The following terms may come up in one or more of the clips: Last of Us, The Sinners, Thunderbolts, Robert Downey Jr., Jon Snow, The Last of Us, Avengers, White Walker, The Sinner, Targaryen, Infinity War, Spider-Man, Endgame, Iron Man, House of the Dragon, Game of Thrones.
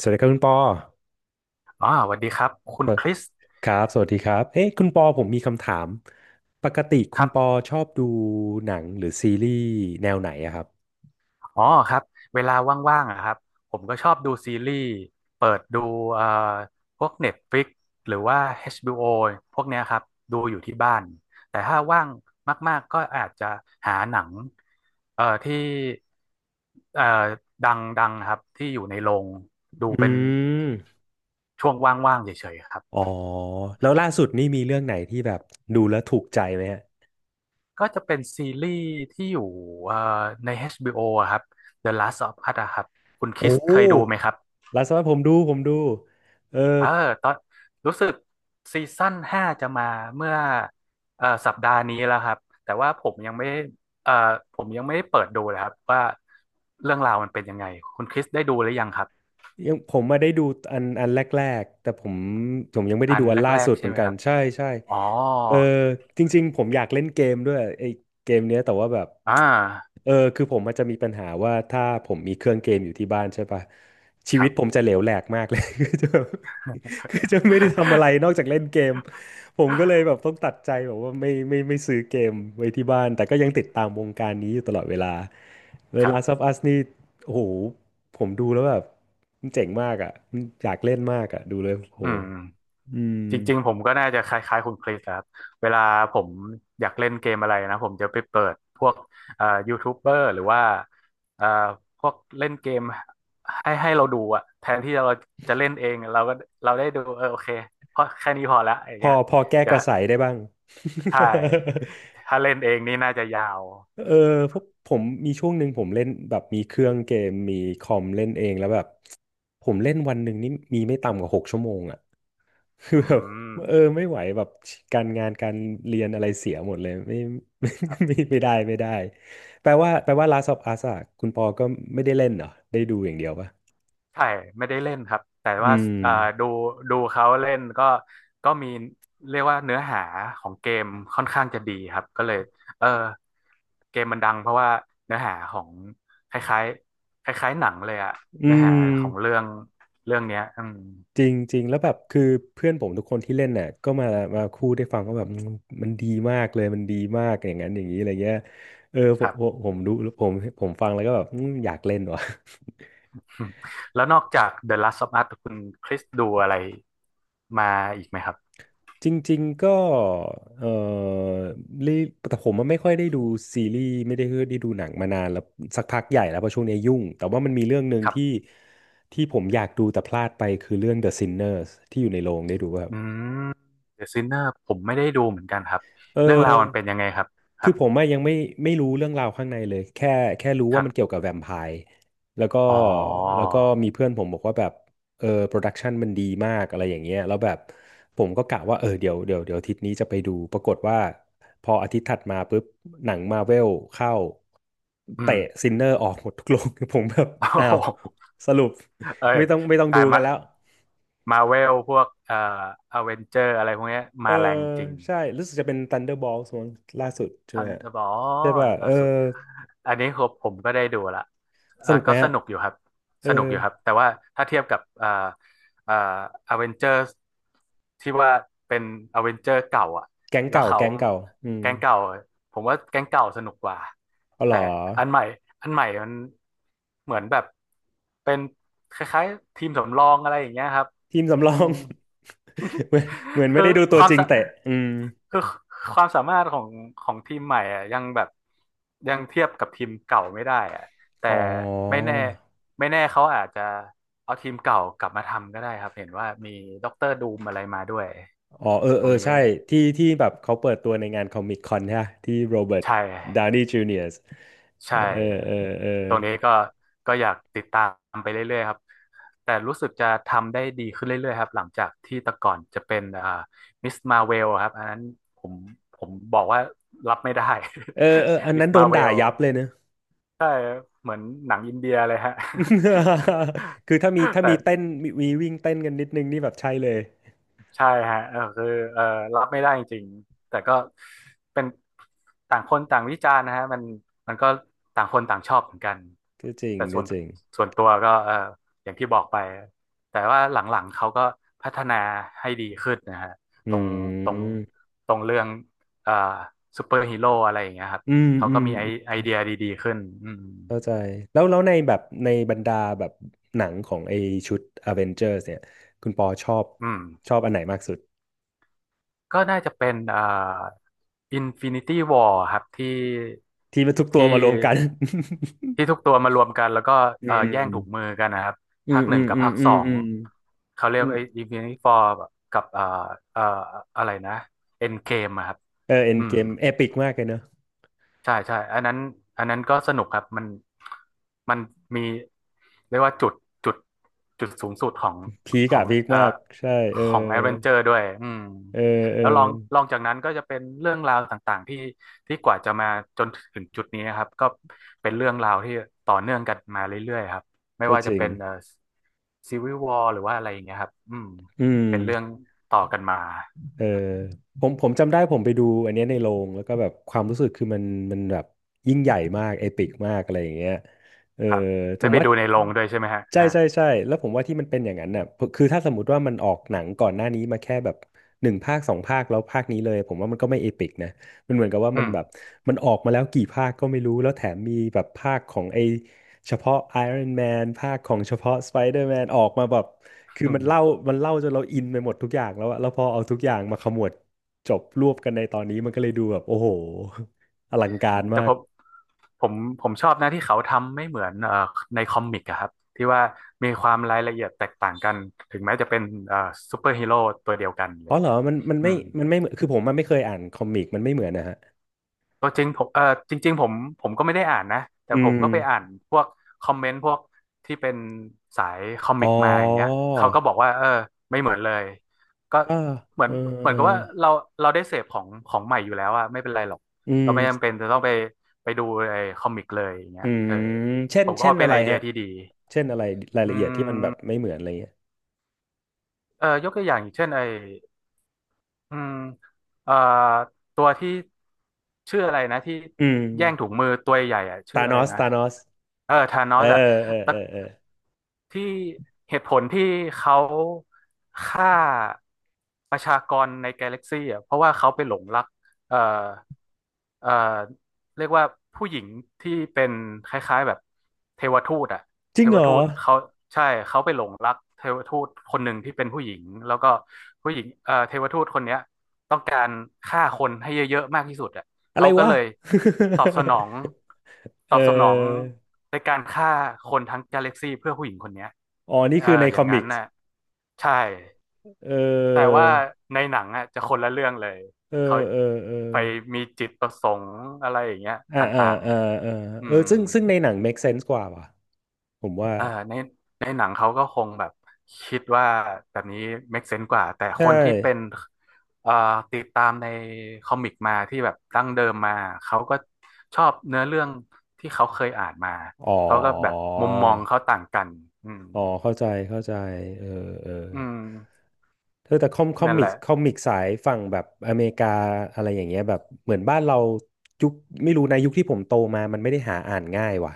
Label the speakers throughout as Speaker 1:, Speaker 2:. Speaker 1: สวัสดีครับคุณปอ
Speaker 2: อ๋อสวัสดีครับ คุณ
Speaker 1: เอ่อ
Speaker 2: คริส
Speaker 1: ครับสวัสดีครับเอ๊ะคุณปอผมมีคำถามปกติ
Speaker 2: ค
Speaker 1: คุณ
Speaker 2: รั
Speaker 1: ปอ
Speaker 2: บ
Speaker 1: ชอบดูหนังหรือซีรีส์แนวไหนอะครับ
Speaker 2: อ๋อครับ เวลาว่างๆอะครับผมก็ชอบดูซีรีส์เปิดดูเอ่อพวก Netflix หรือว่า HBO พวกเนี้ยครับ ดูอยู่ที่บ้าน แต่ถ้าว่างมากๆ ก็อาจจะหาหนังที่เอ่อดังๆ ครับที่อยู่ในโรงดู
Speaker 1: อื
Speaker 2: เป็น
Speaker 1: ม
Speaker 2: ช่วงว่างๆเฉยๆครับ
Speaker 1: อ๋อแล้วล่าสุดนี่มีเรื่องไหนที่แบบดูแล้วถูกใจไหมฮะ
Speaker 2: ก็จะเป็นซีรีส์ที่อยู่เอ่อใน HBO อชบีโออะครับ The Last of Us อะครับ คุณค
Speaker 1: โอ้
Speaker 2: ริสเคยดูไหมครับ
Speaker 1: ล่าสุดผมดูเออ
Speaker 2: เออตอนรู้สึกซีซั่นห้าจะมาเมื่อสัปดาห์นี้แล้วครับแต่ว่าผมยังไม่ผมยังไม่ได้เปิดดูเลยครับว่าเรื่องราวมันเป็นยังไงคุณคริสได้ดูหรือยังครับ
Speaker 1: ยังผมมาได้ดูอันแรกๆแต่ผมยังไม่ได้
Speaker 2: อัน
Speaker 1: ดูอันล่า
Speaker 2: แรก
Speaker 1: สุด
Speaker 2: ๆ
Speaker 1: เห
Speaker 2: ใช่
Speaker 1: มือน
Speaker 2: ไหม
Speaker 1: กั
Speaker 2: ค
Speaker 1: น
Speaker 2: รับ
Speaker 1: ใช่ใช่
Speaker 2: อ๋อ
Speaker 1: เออจริงๆผมอยากเล่นเกมด้วยไอ้เกมเนี้ยแต่ว่าแบบ
Speaker 2: อ่า
Speaker 1: เออคือผมมันจะมีปัญหาว่าถ้าผมมีเครื่องเกมอยู่ที่บ้านใช่ปะชี
Speaker 2: ค
Speaker 1: วิ
Speaker 2: รั
Speaker 1: ต
Speaker 2: บ
Speaker 1: ผมจะเหลวแหลกมากเลย คือจะคือจะไม่ได้ทำอะไรนอกจากเล่นเกม ผมก็เลยแบบ ต้องตัดใจแบบว่าไม่ซื้อเกมไว้ที่บ้านแต่ก็ยังติดตามวงการนี้อยู่ตลอดเวลาแล้ว
Speaker 2: ครับ
Speaker 1: Last of Us นี่โอ้โหผมดูแล้วแบบมันเจ๋งมากอ่ะมันอยากเล่นมากอ่ะดูเลยโอ้โห
Speaker 2: อืม
Speaker 1: อืม
Speaker 2: จริงๆผมก็น่าจะคล้ายๆคุณคริสครับ เวลาผมอยากเล่นเกมอะไรนะผมจะไปเปิดพวกยูทูบเบอร์หรือว่าเอ่อพวกเล่นเกมให้เราดูอะแทนที่เราจะเล่นเองเราก็เราได้ดูเออโอเคเพราะแค่นี้พอละอย่า
Speaker 1: พ
Speaker 2: ง
Speaker 1: อ
Speaker 2: เงี้ย
Speaker 1: พอแก้
Speaker 2: เดี๋ย
Speaker 1: ก
Speaker 2: ว
Speaker 1: ระ
Speaker 2: ถ้า
Speaker 1: ใสได้บ้าง
Speaker 2: ถ้าเล่นเองนี่น่าจะยาว
Speaker 1: เออเพราะผมมีช่วงหนึ่งผมเล่นแบบมีเครื่องเกมมีคอมเล่นเองแล้วแบบผมเล่นวันหนึ่งนี่มีไม่ต่ำกว่าหกชั่วโมงอ่ะ คือ
Speaker 2: อื
Speaker 1: แบบ
Speaker 2: ม
Speaker 1: เออไม่ไหวแบบการงานการเรียนอะไรเสียหมดเลยไม่ ไม่ไม่ได้แปลว่า Last of Us อะคุณปอก็ไม่ได้เล่นเหรอได้ดูอย่างเดียวปะ
Speaker 2: ใช่ไม่ได้เล่นครับแต่ว่า
Speaker 1: อืม
Speaker 2: เอ่อดูดูเขาเล่นก็มีเรียกว่าเนื้อหาของเกมค่อนข้างจะดีครับก็เลยเออเกมมันดังเพราะว่าเนื้อหาของคล้ายๆคล้ายๆหนังเลยอะ
Speaker 1: อื
Speaker 2: เนื้อหา
Speaker 1: ม
Speaker 2: ของเรื่องเนี้ยอืม
Speaker 1: จริงจริงแล้วแบบคือเพื่อนผมทุกคนที่เล่นน่ะก็มาพูดได้ฟังว่าแบบมันมันดีมากเลยมันดีมากอย่างนั้นอย่างนี้อะไรเงี้ยเออผ
Speaker 2: ค
Speaker 1: ม
Speaker 2: รับ
Speaker 1: ผมผมดูผมผมฟังแล้วก็แบบอืมอยากเล่นว่ะ
Speaker 2: แล้วนอกจาก The Last of Us คุณคริสดูอะไรมาอีกไหมครับ
Speaker 1: จริงๆก็เออรีแต่ผมมันไม่ค่อยได้ดูซีรีส์ไม่ได้ได้ดูหนังมานานแล้วสักพักใหญ่แล้วเพราะช่วงนี้ยุ่งแต่ว่ามันมีเรื่องหนึ่ง
Speaker 2: ครั
Speaker 1: ที่
Speaker 2: บ
Speaker 1: ที่ผมอยากดูแต่พลาดไปคือเรื่อง The Sinners ที่อยู่ในโรงได้ดูป่ะครับ
Speaker 2: อืม The Sinner ผมไม่ได้ดูเหมือนกันครับ
Speaker 1: เออ
Speaker 2: เรื่องราวมันเป็นยังไงครับค
Speaker 1: คือผมอะยังไม่รู้เรื่องราวข้างในเลยแค่รู้ว่า
Speaker 2: รับ
Speaker 1: มันเกี่ยวกับแวมไพร์แล้วก็
Speaker 2: อ๋อ
Speaker 1: แล้วก็มีเพื่อนผมบอกว่าแบบเออโปรดักชันมันดีมากอะไรอย่างเงี้ยแล้วแบบผมก็กะว่าเออเดี๋ยวอาทิตย์นี้จะไปดูปรากฏว่าพออาทิตย์ถัดมาปุ๊บหนังมาเวลเข้า
Speaker 2: อื
Speaker 1: เตะ
Speaker 2: ม
Speaker 1: ซินเนอร์ออกหมดทุกโรง ผมแบบ
Speaker 2: โอ้
Speaker 1: อ้า
Speaker 2: โห
Speaker 1: วสรุป
Speaker 2: เออ
Speaker 1: ไม่ต้อง
Speaker 2: แต่
Speaker 1: ดูกั
Speaker 2: มา
Speaker 1: นแล้ว
Speaker 2: มาเวลพวกอเวนเจอร์อะไรพวกเนี้ย
Speaker 1: เออ
Speaker 2: มาแรงจริง
Speaker 1: ใช่รู้สึกจะเป็น Thunderbolts มั้งล่าสุดใช่
Speaker 2: ทั
Speaker 1: ไหม
Speaker 2: น
Speaker 1: ฮะ
Speaker 2: อ๋อ
Speaker 1: ใช่ป่ะเอ
Speaker 2: ล่า
Speaker 1: อ
Speaker 2: สุดอันนี้ครับผมก็ได้ดูละ
Speaker 1: สนุกไหม
Speaker 2: ก็ส
Speaker 1: ฮะ
Speaker 2: นุกอยู่ครับ
Speaker 1: เออ
Speaker 2: สนุกอยู่ครับแต่ว่าถ้าเทียบกับอ่าอเวนเจอร์ที่ว่าเป็นอเวนเจอร์เก่าอ่ะ
Speaker 1: แก๊ง
Speaker 2: แล้ว
Speaker 1: เก่า
Speaker 2: เขา
Speaker 1: แก๊งเก่า อืม
Speaker 2: แก๊งเก่าผมว่าแก๊งเก่าสนุกกว่า
Speaker 1: เอาเหร
Speaker 2: แต่
Speaker 1: อ
Speaker 2: อันใหม่อันใหม่มันเหมือนแบบเป็นคล้ายๆทีมสำรองอะไรอย่างเงี้ยครับ
Speaker 1: ทีม
Speaker 2: อื
Speaker 1: สำรอ
Speaker 2: ม
Speaker 1: ง เหมือนเหมือน ไม่
Speaker 2: คือ
Speaker 1: ได้ดูตั
Speaker 2: ค
Speaker 1: ว
Speaker 2: วาม
Speaker 1: จริง
Speaker 2: สะ
Speaker 1: เตะอืม
Speaker 2: คือความสามารถของทีมใหม่อ่ะยังแบบยังเทียบกับทีมเก่าไม่ได้อ่ะแต่
Speaker 1: อ๋อ
Speaker 2: ไม่แน่ไม่แน่เขาอาจจะเอาทีมเก่ากลับมาทำก็ได้ครับเห็นว่ามีด็อกเตอร์ดูมอะไรมาด้วย
Speaker 1: อ๋อเออ
Speaker 2: ตร
Speaker 1: เออ
Speaker 2: งนี้
Speaker 1: ใช่ที่แบบเขาเปิดตัวในงานคอมิกคอนใช่ปะที่โรเบิร์ต
Speaker 2: ใช่
Speaker 1: ดาวนีย์จูเนียร์เอ
Speaker 2: ใช่
Speaker 1: อ
Speaker 2: ครั
Speaker 1: เอ
Speaker 2: บ
Speaker 1: อเออ
Speaker 2: ตรงนี้ก็อยากติดตามไปเรื่อยๆครับ แต่รู้สึกจะทำได้ดีขึ้นเรื่อยๆครับหลังจากที่แต่ก่อนจะเป็นมิสมาเวลครับอันนั้นผมผมบอกว่ารับไม่ได้
Speaker 1: เออเอออัน
Speaker 2: มิ
Speaker 1: นั้
Speaker 2: ส
Speaker 1: นโด
Speaker 2: มา
Speaker 1: น
Speaker 2: เว
Speaker 1: ด่า
Speaker 2: ล
Speaker 1: ยับเลยเนอะ
Speaker 2: ใช่เหมือนหนังอินเดียเลยฮะ
Speaker 1: คือถ้ามี ถ้า
Speaker 2: แต่
Speaker 1: มีเต้นมีวิ่งเต้นกันนิดนึงนี่แบบใช่เลย
Speaker 2: ใช่ฮะเออคือเออรับไม่ได้จริงๆแต่ก็เป็นต่างคนต่างวิจารณ์นะฮะมันก็ต่างคนต่างชอบเหมือนกัน
Speaker 1: ก็จริง
Speaker 2: แต่
Speaker 1: ก็จริง
Speaker 2: ส่วนตัวก็เอออย่างที่บอกไปแต่ว่าหลังๆเขาก็พัฒนาให้ดีขึ้นนะฮะ
Speaker 1: อื
Speaker 2: ตรงตรง
Speaker 1: ม
Speaker 2: ตรงเรื่องเอ่อซูเปอร์ฮีโร่อะไรอย่างเงี้ยครับ
Speaker 1: อืม
Speaker 2: เขา
Speaker 1: อื
Speaker 2: ก็
Speaker 1: ม
Speaker 2: มีไอเดียดีๆขึ้นอืม
Speaker 1: เข้าใจแล้วแล้วในแบบในบรรดาแบบหนังของไอชุด Avengers เนี่ยคุณปอชอบ
Speaker 2: อืม
Speaker 1: ชอบอันไหนมากสุด
Speaker 2: ก็น่าจะเป็นInfinity War ครับที่
Speaker 1: ที่มันทุกตั
Speaker 2: ที่
Speaker 1: วมารวมกัน
Speaker 2: ที่ทุกตัวมารวมกันแล้วก็
Speaker 1: อื
Speaker 2: แย่
Speaker 1: ม
Speaker 2: งถุงมือกันนะครับ
Speaker 1: อื
Speaker 2: ภา
Speaker 1: ม
Speaker 2: คห
Speaker 1: อื
Speaker 2: นึ่ง
Speaker 1: ม
Speaker 2: กับ
Speaker 1: อืม
Speaker 2: ภาค
Speaker 1: อื
Speaker 2: ส
Speaker 1: ม
Speaker 2: อง
Speaker 1: อืม
Speaker 2: เขาเรีย
Speaker 1: อื
Speaker 2: ก
Speaker 1: ม
Speaker 2: ไอ้ Infinity War กับเอ่ออะไรนะ Endgame อะครับ
Speaker 1: เออเอ็น
Speaker 2: อื
Speaker 1: เก
Speaker 2: ม
Speaker 1: มเอปิกมากเลยเนอะ
Speaker 2: ใช่ใช่อันนั้นก็สนุกครับมันมีเรียกว่าจุดจุดสูงสุดของ
Speaker 1: พีก
Speaker 2: ขอ
Speaker 1: อะ
Speaker 2: ง
Speaker 1: พีกมากใช่เออ
Speaker 2: ของแอดเวนเจอร์ด้วยอืม
Speaker 1: เออเออ
Speaker 2: แล้วลองจากนั้นก็จะเป็นเรื่องราวต่างๆที่ที่กว่าจะมาจนถึงจุดนี้นะครับก็เป็นเรื่องราวที่ต่อเนื่องกันมาเรื่อยๆครับไม่
Speaker 1: ก็
Speaker 2: ว่า
Speaker 1: จ
Speaker 2: จะ
Speaker 1: ริง
Speaker 2: เป็นซีวิววอหรือว่าอะไรอย่างเงี้ยครับอืม
Speaker 1: อืม
Speaker 2: เป็นเรื่องต่อกันมา
Speaker 1: เออผมจำได้ผมไปดูอันเนี้ยในโรงแล้วก็แบบความรู้สึกคือมันมันแบบยิ่งใหญ่มากเอปิกมากอะไรอย่างเงี้ยเออ
Speaker 2: ครับได้ไปดูในโรงด้วยใช่ไหมฮะ
Speaker 1: ใช่
Speaker 2: ฮะ
Speaker 1: ใช่ใช่แล้วผมว่าที่มันเป็นอย่างนั้นน่ะคือถ้าสมมติว่ามันออกหนังก่อนหน้านี้มาแค่แบบหนึ่งภาคสองภาคแล้วภาคนี้เลยผมว่ามันก็ไม่เอปิกนะมันเหมือนกับว่า
Speaker 2: อื
Speaker 1: มัน
Speaker 2: ม
Speaker 1: แบบมันออกมาแล้วกี่ภาคก็ไม่รู้แล้วแถมมีแบบภาคของไอเฉพาะ Iron Man ภาคของเฉพาะ Spider-Man ออกมาแบบคือมันเล่า มันเล่าจนเราอินไปหมดทุกอย่างแล้วอะแล้วพอเอาทุกอย่างมาขมวดจบรวบกันในตอนนี้มันก็เลยดูแบบโอ้โหอลังการ
Speaker 2: แต่
Speaker 1: มาก
Speaker 2: ผม ผมผมชอบนะที่เขาทำไม่เหมือนในคอมิกอะครับที่ว่ามีความรายละเอียดแตกต่างกันถึงแม้จะเป็นเอ่อซูเปอร์ฮีโร่ตัวเดียวกันเล
Speaker 1: อ๋อ
Speaker 2: ย
Speaker 1: เหรอมันมัน
Speaker 2: อื
Speaker 1: ไม่
Speaker 2: ม
Speaker 1: มันไม่เหมือนคือผมมันไม่เคยอ่านคอมิกมันไม่เหมือนนะฮะ
Speaker 2: ตัวจริงผมเออจริงๆผมก็ไม่ได้อ่านนะแต่
Speaker 1: อื
Speaker 2: ผม
Speaker 1: ม
Speaker 2: ก็ไปอ่านพวกคอมเมนต์พวกที่เป็นสายคอมิ
Speaker 1: อ๋
Speaker 2: ก
Speaker 1: อ
Speaker 2: มาอย่างเงี้ยเขาก็บอกว่าเออไม่เหมือนเลยก็
Speaker 1: อ่า
Speaker 2: เหมือ
Speaker 1: เอ
Speaker 2: น
Speaker 1: อเออ
Speaker 2: กับว่าเราเราได้เสพของของใหม่อยู่แล้วอะไม่เป็นไรหรอก
Speaker 1: อื
Speaker 2: เรา
Speaker 1: ม
Speaker 2: ไม่จำเป็นจะต้องไปไปดูไอ้คอมิกเลยอย่างเงี้
Speaker 1: อื
Speaker 2: ย
Speaker 1: ม
Speaker 2: เออ
Speaker 1: เช่น
Speaker 2: ผมก็
Speaker 1: เช่น
Speaker 2: ว่าเป็
Speaker 1: อะ
Speaker 2: น
Speaker 1: ไร
Speaker 2: ไอเดีย
Speaker 1: ฮะ
Speaker 2: ที่ดี
Speaker 1: เช่นอะไรราย
Speaker 2: อื
Speaker 1: ละเอียดที่มันแบบ
Speaker 2: ม
Speaker 1: ไม่เหมือนอะไรเงี้ย
Speaker 2: เออยกตัวอย่างอย่างเช่นไอ้ อืมเอ่อตัวที่ชื่ออะไรนะที่
Speaker 1: อืม
Speaker 2: แย่งถุงมือตัวใหญ่อะชื่อ
Speaker 1: ตาน
Speaker 2: อะไร
Speaker 1: อส
Speaker 2: นะ
Speaker 1: ตานอส
Speaker 2: เออธานอ
Speaker 1: เออ
Speaker 2: สอะ
Speaker 1: เออ
Speaker 2: แต่
Speaker 1: เออเออ
Speaker 2: ที่เหตุผลที่เขาฆ่าประชากรในกาแล็กซี่อะเพราะว่าเขาไปหลงรักเอ่อเอ่อ เรียกว่าผู้หญิงที่เป็นคล้ายๆแบบเทวทูตอะ
Speaker 1: จ
Speaker 2: เท
Speaker 1: ริง
Speaker 2: ว
Speaker 1: เหรอ
Speaker 2: ทูตเขาใช่เขาไปหลงรักเทวทูตคนหนึ่งที่เป็นผู้หญิงแล้วก็ผู้หญิงเทวทูตคนเนี้ยต้องการฆ่าคนให้เยอะๆมากที่สุดอะ
Speaker 1: อะไร
Speaker 2: เขาก็
Speaker 1: วะ
Speaker 2: เลยตอบสนอง ต
Speaker 1: เอ
Speaker 2: อบสนอง
Speaker 1: อ
Speaker 2: ในการฆ่าคนทั้งกาแล็กซี่เพื่อผู้หญิงคนเนี้ย
Speaker 1: อ๋อ นี่
Speaker 2: เอ
Speaker 1: คือใน
Speaker 2: ออ
Speaker 1: ค
Speaker 2: ย่า
Speaker 1: อ
Speaker 2: ง
Speaker 1: มิ
Speaker 2: นั้น
Speaker 1: กส์
Speaker 2: น่ะใช่
Speaker 1: เอ
Speaker 2: แต่
Speaker 1: อ
Speaker 2: ว่าในหนังอ่ะจะคนละเรื่องเลย
Speaker 1: เอ
Speaker 2: เขา
Speaker 1: อเออ เออ
Speaker 2: ไปมีจิตประสงค์อะไรอย่างเงี้ย
Speaker 1: อ่า
Speaker 2: ต
Speaker 1: อ่า
Speaker 2: ่าง
Speaker 1: อ่าอ่า
Speaker 2: ๆอื
Speaker 1: เออ
Speaker 2: ม
Speaker 1: ซึ่งในหนัง make sense กว่าว่ะผมว่า
Speaker 2: เออในในหนังเขาก็คงแบบคิดว่าแบบนี้ make sense กว่าแต่ค
Speaker 1: ใช่
Speaker 2: นที่เป็นเอ่อติดตามในคอมิกมาที่แบบดั้งเดิมมาเขาก็ชอบเนื้อเรื่องที่เขาเคยอ่านมา
Speaker 1: อ๋อ
Speaker 2: เขาก็แบบมุมมองเขาต่างกันอืม
Speaker 1: อ๋อเข้าใจเข้าใจเออเออ
Speaker 2: อืม
Speaker 1: เธอแต่คอมคอ
Speaker 2: นั่น
Speaker 1: มิ
Speaker 2: แห
Speaker 1: ก
Speaker 2: ละ
Speaker 1: คอมิกสายฝั่งแบบอเมริกาอะไรอย่างเงี้ยแบบเหมือนบ้านเรายุคไม่รู้ในะยุคที่ผมโตมามันไม่ได้หาอ่านง่ายว่ะ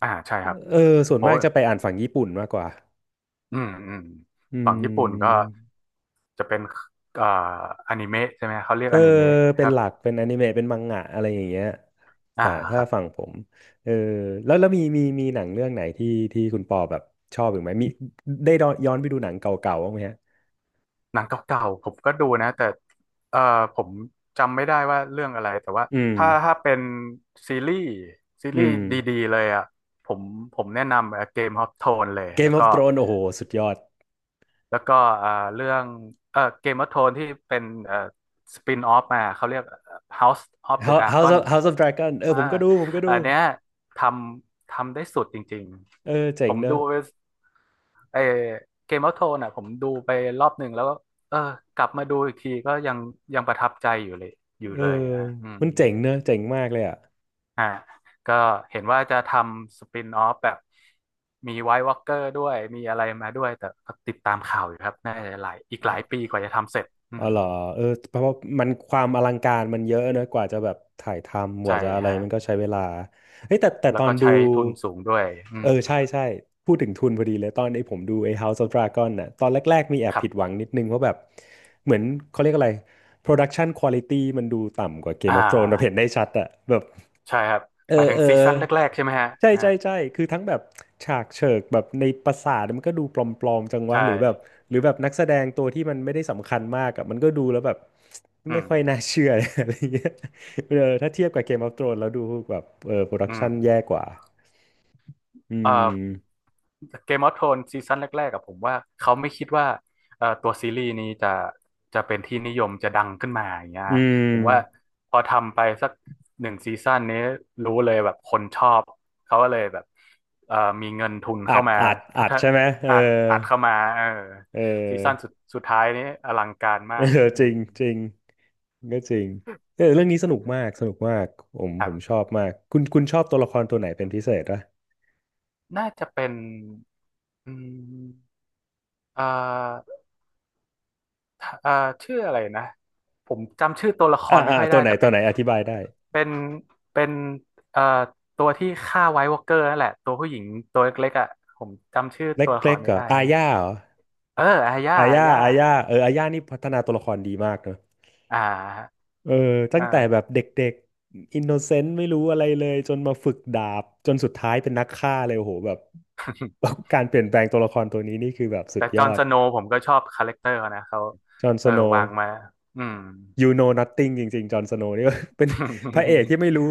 Speaker 2: อ่าใช่ครับ
Speaker 1: เออส่วน
Speaker 2: โอ้
Speaker 1: มาก
Speaker 2: ย
Speaker 1: จะไปอ่านฝั่งญี่ปุ่นมากกว่า
Speaker 2: อืมอืม
Speaker 1: อื
Speaker 2: ฝั่งญี่ปุ่นก็
Speaker 1: ม
Speaker 2: จะเป็นเอ่ออนิเมะใช่ไหมเขาเรีย
Speaker 1: เอ
Speaker 2: ก
Speaker 1: อ
Speaker 2: อนิเมะค
Speaker 1: เป็น
Speaker 2: รับ
Speaker 1: หลักเป็นอนิเมะเป็นมังงะอะไรอย่างเงี้ย
Speaker 2: อ่า
Speaker 1: สาย
Speaker 2: ค
Speaker 1: ถ้า
Speaker 2: รับ
Speaker 1: ฝั่งผมเออแล้วมีหนังเรื่องไหนที่คุณปอแบบชอบอีกไหมมีได้ย้อนไปดูหนังเก่าๆบ้างไหมฮะ
Speaker 2: หนังเก่าๆผมก็ดูนะแต่เอ่อผมจำไม่ได้ว่าเรื่องอะไรแต่ว่า
Speaker 1: อืม
Speaker 2: ถ้าเป็นซีรีส์ซี
Speaker 1: อื
Speaker 2: รีส์
Speaker 1: ม
Speaker 2: ดีๆเลยอ่ะผมผมแนะนำเกมฮอ t โทนเลยแล้ว
Speaker 1: Game
Speaker 2: ก็
Speaker 1: of Thrones โอ้โหสุดยอด
Speaker 2: แล้วก็เอ่อเรื่องเกมฮอ t โทนที่เป็นสปินออฟมาเขาเรียก House of
Speaker 1: h
Speaker 2: the
Speaker 1: o u s House
Speaker 2: Dragon
Speaker 1: of House of Dragon เออ
Speaker 2: อ่า
Speaker 1: ผมก็ดู
Speaker 2: อันเนี้ยทำทำได้สุดจริง
Speaker 1: เออ
Speaker 2: ๆ
Speaker 1: เจ๋
Speaker 2: ผ
Speaker 1: ง
Speaker 2: ม
Speaker 1: เน
Speaker 2: ดู
Speaker 1: อะ
Speaker 2: ไอเกมออฟโทนอ่ะผมดูไปรอบหนึ่งแล้วก็เออกลับมาดูอีกทีก็ยังประทับใจอยู่เลยอยู่
Speaker 1: เออ
Speaker 2: เลยอะฮะอืม
Speaker 1: มันเจ๋งเนอะเจ๋งมากเลยอ่ะ
Speaker 2: อ่าก็เห็นว่าจะทำสปินออฟแบบมีไว i t e วอ a l k เกอร์ด้วยมีอะไรมาด้วยแต่ก็ติดตามข่าวอยู่ครับน่าจะหลายอีกหลายปีกว่าจะทำเสร็จอื
Speaker 1: อ๋อ
Speaker 2: ม
Speaker 1: เหรอเออเพราะว่ามันความอลังการมันเยอะนะกว่าจะแบบถ่ายทำก
Speaker 2: ใช่
Speaker 1: ว่าจะอะไร
Speaker 2: ฮะ
Speaker 1: มันก็ใช้เวลาเฮ้ยแต่ต
Speaker 2: แล้ว
Speaker 1: อ
Speaker 2: ก็
Speaker 1: นดู
Speaker 2: ใช้ทุนสูงด้วยอื
Speaker 1: เอ
Speaker 2: ม
Speaker 1: อใช่ใช่พูดถึงทุนพอดีเลยตอนไอ้ผมดูไอ้ House of Dragon น่ะตอนแรกๆมีแอ
Speaker 2: ค
Speaker 1: บ
Speaker 2: รั
Speaker 1: ผิดหวั
Speaker 2: บ
Speaker 1: งนิดนึงเพราะแบบเหมือนเขาเรียกอะไร Production Quality มันดูต่ำกว่า
Speaker 2: อ่
Speaker 1: Game of Thrones เราเห็น
Speaker 2: า
Speaker 1: ได้ชัดอะแบบ
Speaker 2: ใช่ครับ
Speaker 1: เออ
Speaker 2: หมายถึง
Speaker 1: เออ
Speaker 2: ซีซั่นแรกๆใช่ไหมฮะ
Speaker 1: ใช่
Speaker 2: ฮะ
Speaker 1: ใช่ใช่คือทั้งแบบฉากเฉิกแบบในปราสาทมันก็ดูปลอมๆจังวะ
Speaker 2: ใช่
Speaker 1: หรือแบบนักแสดงตัวที่มันไม่ได้สำคัญมากอะมันก็ดูแล้วแบบ
Speaker 2: อื
Speaker 1: ไม่
Speaker 2: ม
Speaker 1: ค่อยน่าเชื่อ อะไรเงี้ยเออถ้าเทียบกับ Game of Thrones แล้วดูแบบเออโปรดั
Speaker 2: อื
Speaker 1: กชันแย่
Speaker 2: ม
Speaker 1: กว่าอื
Speaker 2: เอ่อ
Speaker 1: ม
Speaker 2: เกมออฟโทนซีซั่นแรกๆกับผมว่าเขาไม่คิดว่าตัวซีรีส์นี้จะจะเป็นที่นิยมจะดังขึ้นมาอย่างเงี้ย
Speaker 1: อื
Speaker 2: ฮะผมว่า
Speaker 1: ม
Speaker 2: พอทำไปสักหนึ่งซีซั่นนี้รู้เลยแบบคนชอบเขาก็เลยแบบมีเงินทุน
Speaker 1: อั
Speaker 2: เข้า
Speaker 1: ด
Speaker 2: มา
Speaker 1: อัด
Speaker 2: พั
Speaker 1: อัด
Speaker 2: ฒ
Speaker 1: ใช่ไหมเออ
Speaker 2: อัดอัดเข้ามาเออ
Speaker 1: เ
Speaker 2: ซีซั่น
Speaker 1: ออ
Speaker 2: สุดท้ายนี้อลังการ มา
Speaker 1: เออ
Speaker 2: กอื
Speaker 1: จริ
Speaker 2: ม
Speaker 1: งจริงก็จริงเออเรื่องนี้สนุกมากสนุกมากผม
Speaker 2: ค
Speaker 1: ผ
Speaker 2: รับ
Speaker 1: มชอบมากคุณชอบตัวละครตัวไหนเป็นพิเศษปะ
Speaker 2: น่าจะเป็นอืมเอ่อ อ่าชื่ออะไรนะผมจำชื่อตัวละค
Speaker 1: อ่า
Speaker 2: รไม่
Speaker 1: อ่า
Speaker 2: ค่อย
Speaker 1: ตั
Speaker 2: ได้
Speaker 1: วไหน
Speaker 2: แต่
Speaker 1: ตั
Speaker 2: เป็
Speaker 1: ว
Speaker 2: น
Speaker 1: ไหนอธิบายได้
Speaker 2: เป็นเป็นเอ่อตัวที่ฆ่าไวท์วอล์กเกอร์นั่นแหละตัวผู้หญิงตัวเล็กๆอ่ะผมจำชื่อ
Speaker 1: เล็
Speaker 2: ตั
Speaker 1: ก
Speaker 2: วละค
Speaker 1: เล็ก
Speaker 2: ร
Speaker 1: เห
Speaker 2: ไม่
Speaker 1: รอ
Speaker 2: ได้
Speaker 1: อา
Speaker 2: แฮะ
Speaker 1: ญาเหรอ
Speaker 2: เอออาย่า
Speaker 1: อา
Speaker 2: อา
Speaker 1: ญา
Speaker 2: ย่า
Speaker 1: อาญาเอออาญานี่พัฒนาตัวละครดีมากเนอะ
Speaker 2: อ่า
Speaker 1: เออตั้งแต่แบ
Speaker 2: เออ
Speaker 1: บเด็กๆอินโนเซนต์ไม่รู้อะไรเลยจนมาฝึกดาบจนสุดท้ายเป็นนักฆ่าเลยโอ้โหแบบ การเปลี่ยนแปลงตัวละครตัวนี้นี่คือแบบสุ
Speaker 2: แต่
Speaker 1: ด
Speaker 2: จ
Speaker 1: ย
Speaker 2: อห์
Speaker 1: อ
Speaker 2: น
Speaker 1: ด
Speaker 2: สโนว์ผมก็ชอบคาแรคเตอร์เขานะเขา
Speaker 1: จอห์นส
Speaker 2: เออ
Speaker 1: โนว์
Speaker 2: วางมาอืม
Speaker 1: you know nothing จริงๆจอห์นสโนว์นี่ เป็น พระเอกที่ไม่ รู้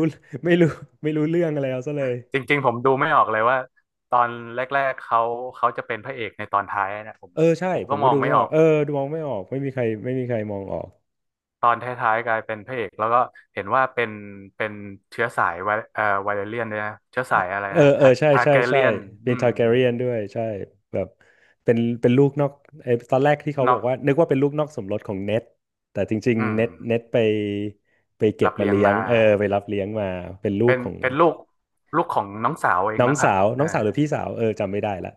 Speaker 1: ไม่รู้ไม่รู้เรื่องอะไรเอาซะเลย
Speaker 2: จริงๆผมดูไม่ออกเลยว่าตอนแรกๆเขาจะเป็นพระเอกในตอนท้ายนะผม
Speaker 1: เออใช่
Speaker 2: ผม
Speaker 1: ผ
Speaker 2: ก็
Speaker 1: ม
Speaker 2: ม
Speaker 1: ก็
Speaker 2: อง
Speaker 1: ดู
Speaker 2: ไม่
Speaker 1: ไม่
Speaker 2: อ
Speaker 1: ออ
Speaker 2: อ
Speaker 1: ก
Speaker 2: ก
Speaker 1: เออดูมองไม่ออกไม่มีใครมองออก
Speaker 2: ตอนท้ายๆกลายเป็นพระเอกแล้วก็เห็นว่าเป็นเป็นเชื้อสายไวไวเลเรียนด้วยนะเชื้อสายอะไร
Speaker 1: เออ
Speaker 2: นะ
Speaker 1: เออ
Speaker 2: ทา
Speaker 1: ใช่
Speaker 2: ทาร์
Speaker 1: ใช่
Speaker 2: แก
Speaker 1: ใช่
Speaker 2: เรียน
Speaker 1: เป็
Speaker 2: อื
Speaker 1: น
Speaker 2: ม
Speaker 1: ทาร์แกเรียนด้วยใช่แบบเป็นลูกนอกไอ้ตอนแรกที่เขา
Speaker 2: นอ
Speaker 1: บอก
Speaker 2: ก
Speaker 1: ว่านึกว่าเป็นลูกนอกสมรสของเน็ตแต่จริง
Speaker 2: อื
Speaker 1: ๆ
Speaker 2: ม
Speaker 1: เน็ตไปเก็
Speaker 2: รั
Speaker 1: บ
Speaker 2: บ
Speaker 1: มา
Speaker 2: เลี้ยง
Speaker 1: เลี้ยง
Speaker 2: มา
Speaker 1: เออไปรับเลี้ยงมาเป็นลู
Speaker 2: เป็
Speaker 1: ก
Speaker 2: น
Speaker 1: ของ
Speaker 2: ลูกของน้องสาวเอง
Speaker 1: น้อง
Speaker 2: มั้งค
Speaker 1: สา
Speaker 2: รับ
Speaker 1: ว
Speaker 2: เอ
Speaker 1: น้
Speaker 2: อ
Speaker 1: องสาวหรือพี่สาวเออจำไม่ได้ละ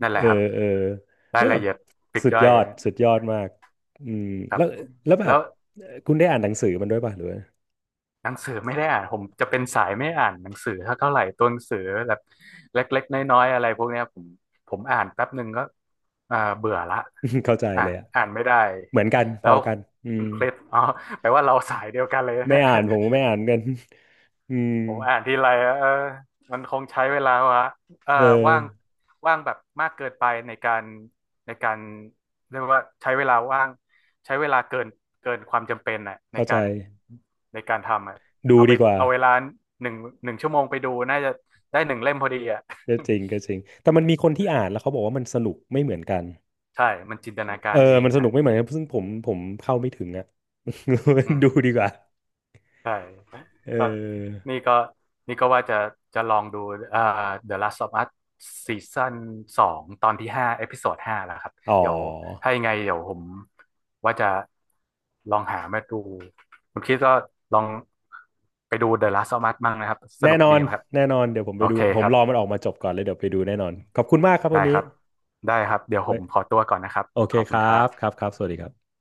Speaker 2: นั่น
Speaker 1: เอ
Speaker 2: แหละ
Speaker 1: อ
Speaker 2: ครับ
Speaker 1: เออ
Speaker 2: รา
Speaker 1: แล้
Speaker 2: ย
Speaker 1: วแบ
Speaker 2: ละ
Speaker 1: บ
Speaker 2: เอียดปลีก
Speaker 1: สุด
Speaker 2: ย่อ
Speaker 1: ย
Speaker 2: ย
Speaker 1: อดสุดยอดมากอืม
Speaker 2: ครั
Speaker 1: แล้
Speaker 2: บ
Speaker 1: วแล้วแบ
Speaker 2: แล้
Speaker 1: บ
Speaker 2: ว
Speaker 1: คุณได้อ่านหนังสือมันด้วยป่ะหรือว่า
Speaker 2: หนังสือไม่ได้อ่านผมจะเป็นสายไม่อ่านหนังสือเท่าไหร่ตัวหนังสือแบบเล็กๆน้อยๆอะไรพวกเนี้ยผมอ่านแป๊บหนึ่งก็อ่าเบื่อละ
Speaker 1: เข้าใจ
Speaker 2: อ่า
Speaker 1: เล
Speaker 2: น
Speaker 1: ยอะ
Speaker 2: อ่านไม่ได้
Speaker 1: เหมือนกันพ
Speaker 2: แล้
Speaker 1: อ
Speaker 2: ว
Speaker 1: กันอื
Speaker 2: คุ
Speaker 1: ม
Speaker 2: ณเคล็ดอ๋อแปลว่าเราสายเดียวกันเลยนะ
Speaker 1: ไม่
Speaker 2: เนี่ย
Speaker 1: อ่านผมก็ไม่อ่านกัน อืม
Speaker 2: ผมอ่านทีไรอะเออมันคงใช้เวลาวะเออ
Speaker 1: เอ
Speaker 2: ว่าง
Speaker 1: อ
Speaker 2: ว่างแบบมากเกินไปในการเรียกว่าใช้เวลาว่างใช้เวลาเกินเกินความจำเป็นอะใน
Speaker 1: เข้าใจ
Speaker 2: การทำอะ
Speaker 1: ดู
Speaker 2: เอาไป
Speaker 1: ดีกว่า
Speaker 2: เอาเวลาหนึ่งหนึ่งชั่วโมงไปดูน่าจะได้หนึ่งเล่มพอดีอ่ะ
Speaker 1: ก็จริงก็จริงแต่มันมีคนที่อ่านแล้วเขาบอกว่ามันสนุกไม่เหมือนกัน
Speaker 2: ใช่มันจินตนากา
Speaker 1: เออ
Speaker 2: รเอง
Speaker 1: มันสนุ
Speaker 2: ฮะ
Speaker 1: กไม่เหมือนกันซึ่งผมเข้าไม่ถึงอะ
Speaker 2: อืม
Speaker 1: ดูดีกว่า
Speaker 2: ใช่
Speaker 1: เอ
Speaker 2: ก็
Speaker 1: อ
Speaker 2: นี่ก็นี่ก็ว่าจะจะลองดูเอ่อ The Last of Us ซีซั่น 2ตอนที่ 5เอพิโซด 5แล้วครับ
Speaker 1: อ๋
Speaker 2: เดี๋ยว
Speaker 1: อ
Speaker 2: ถ้ายังไงเดี๋ยวผมว่าจะลองหามาดูคุณคิดก็ลองไปดู The Last of Us มั่งนะครับส
Speaker 1: แน่
Speaker 2: นุก
Speaker 1: นอ
Speaker 2: ดี
Speaker 1: น
Speaker 2: นะครับ
Speaker 1: แน่นอนเดี๋ยวผมไป
Speaker 2: โอ
Speaker 1: ดู
Speaker 2: เค
Speaker 1: ผ
Speaker 2: ค
Speaker 1: ม
Speaker 2: รับ
Speaker 1: รอมันออกมาจบก่อนเลยเดี๋ยวไปดูแน่นอน ขอบคุณมากครับวั
Speaker 2: ได้
Speaker 1: นนี้
Speaker 2: ครับได้ครับเดี๋ยวผ
Speaker 1: ไว้
Speaker 2: มขอตัวก่อนนะครับ
Speaker 1: โอเค
Speaker 2: ขอบ
Speaker 1: ค
Speaker 2: คุณ
Speaker 1: รั
Speaker 2: ครั
Speaker 1: บครั
Speaker 2: บ
Speaker 1: บครับสวัสดีครับ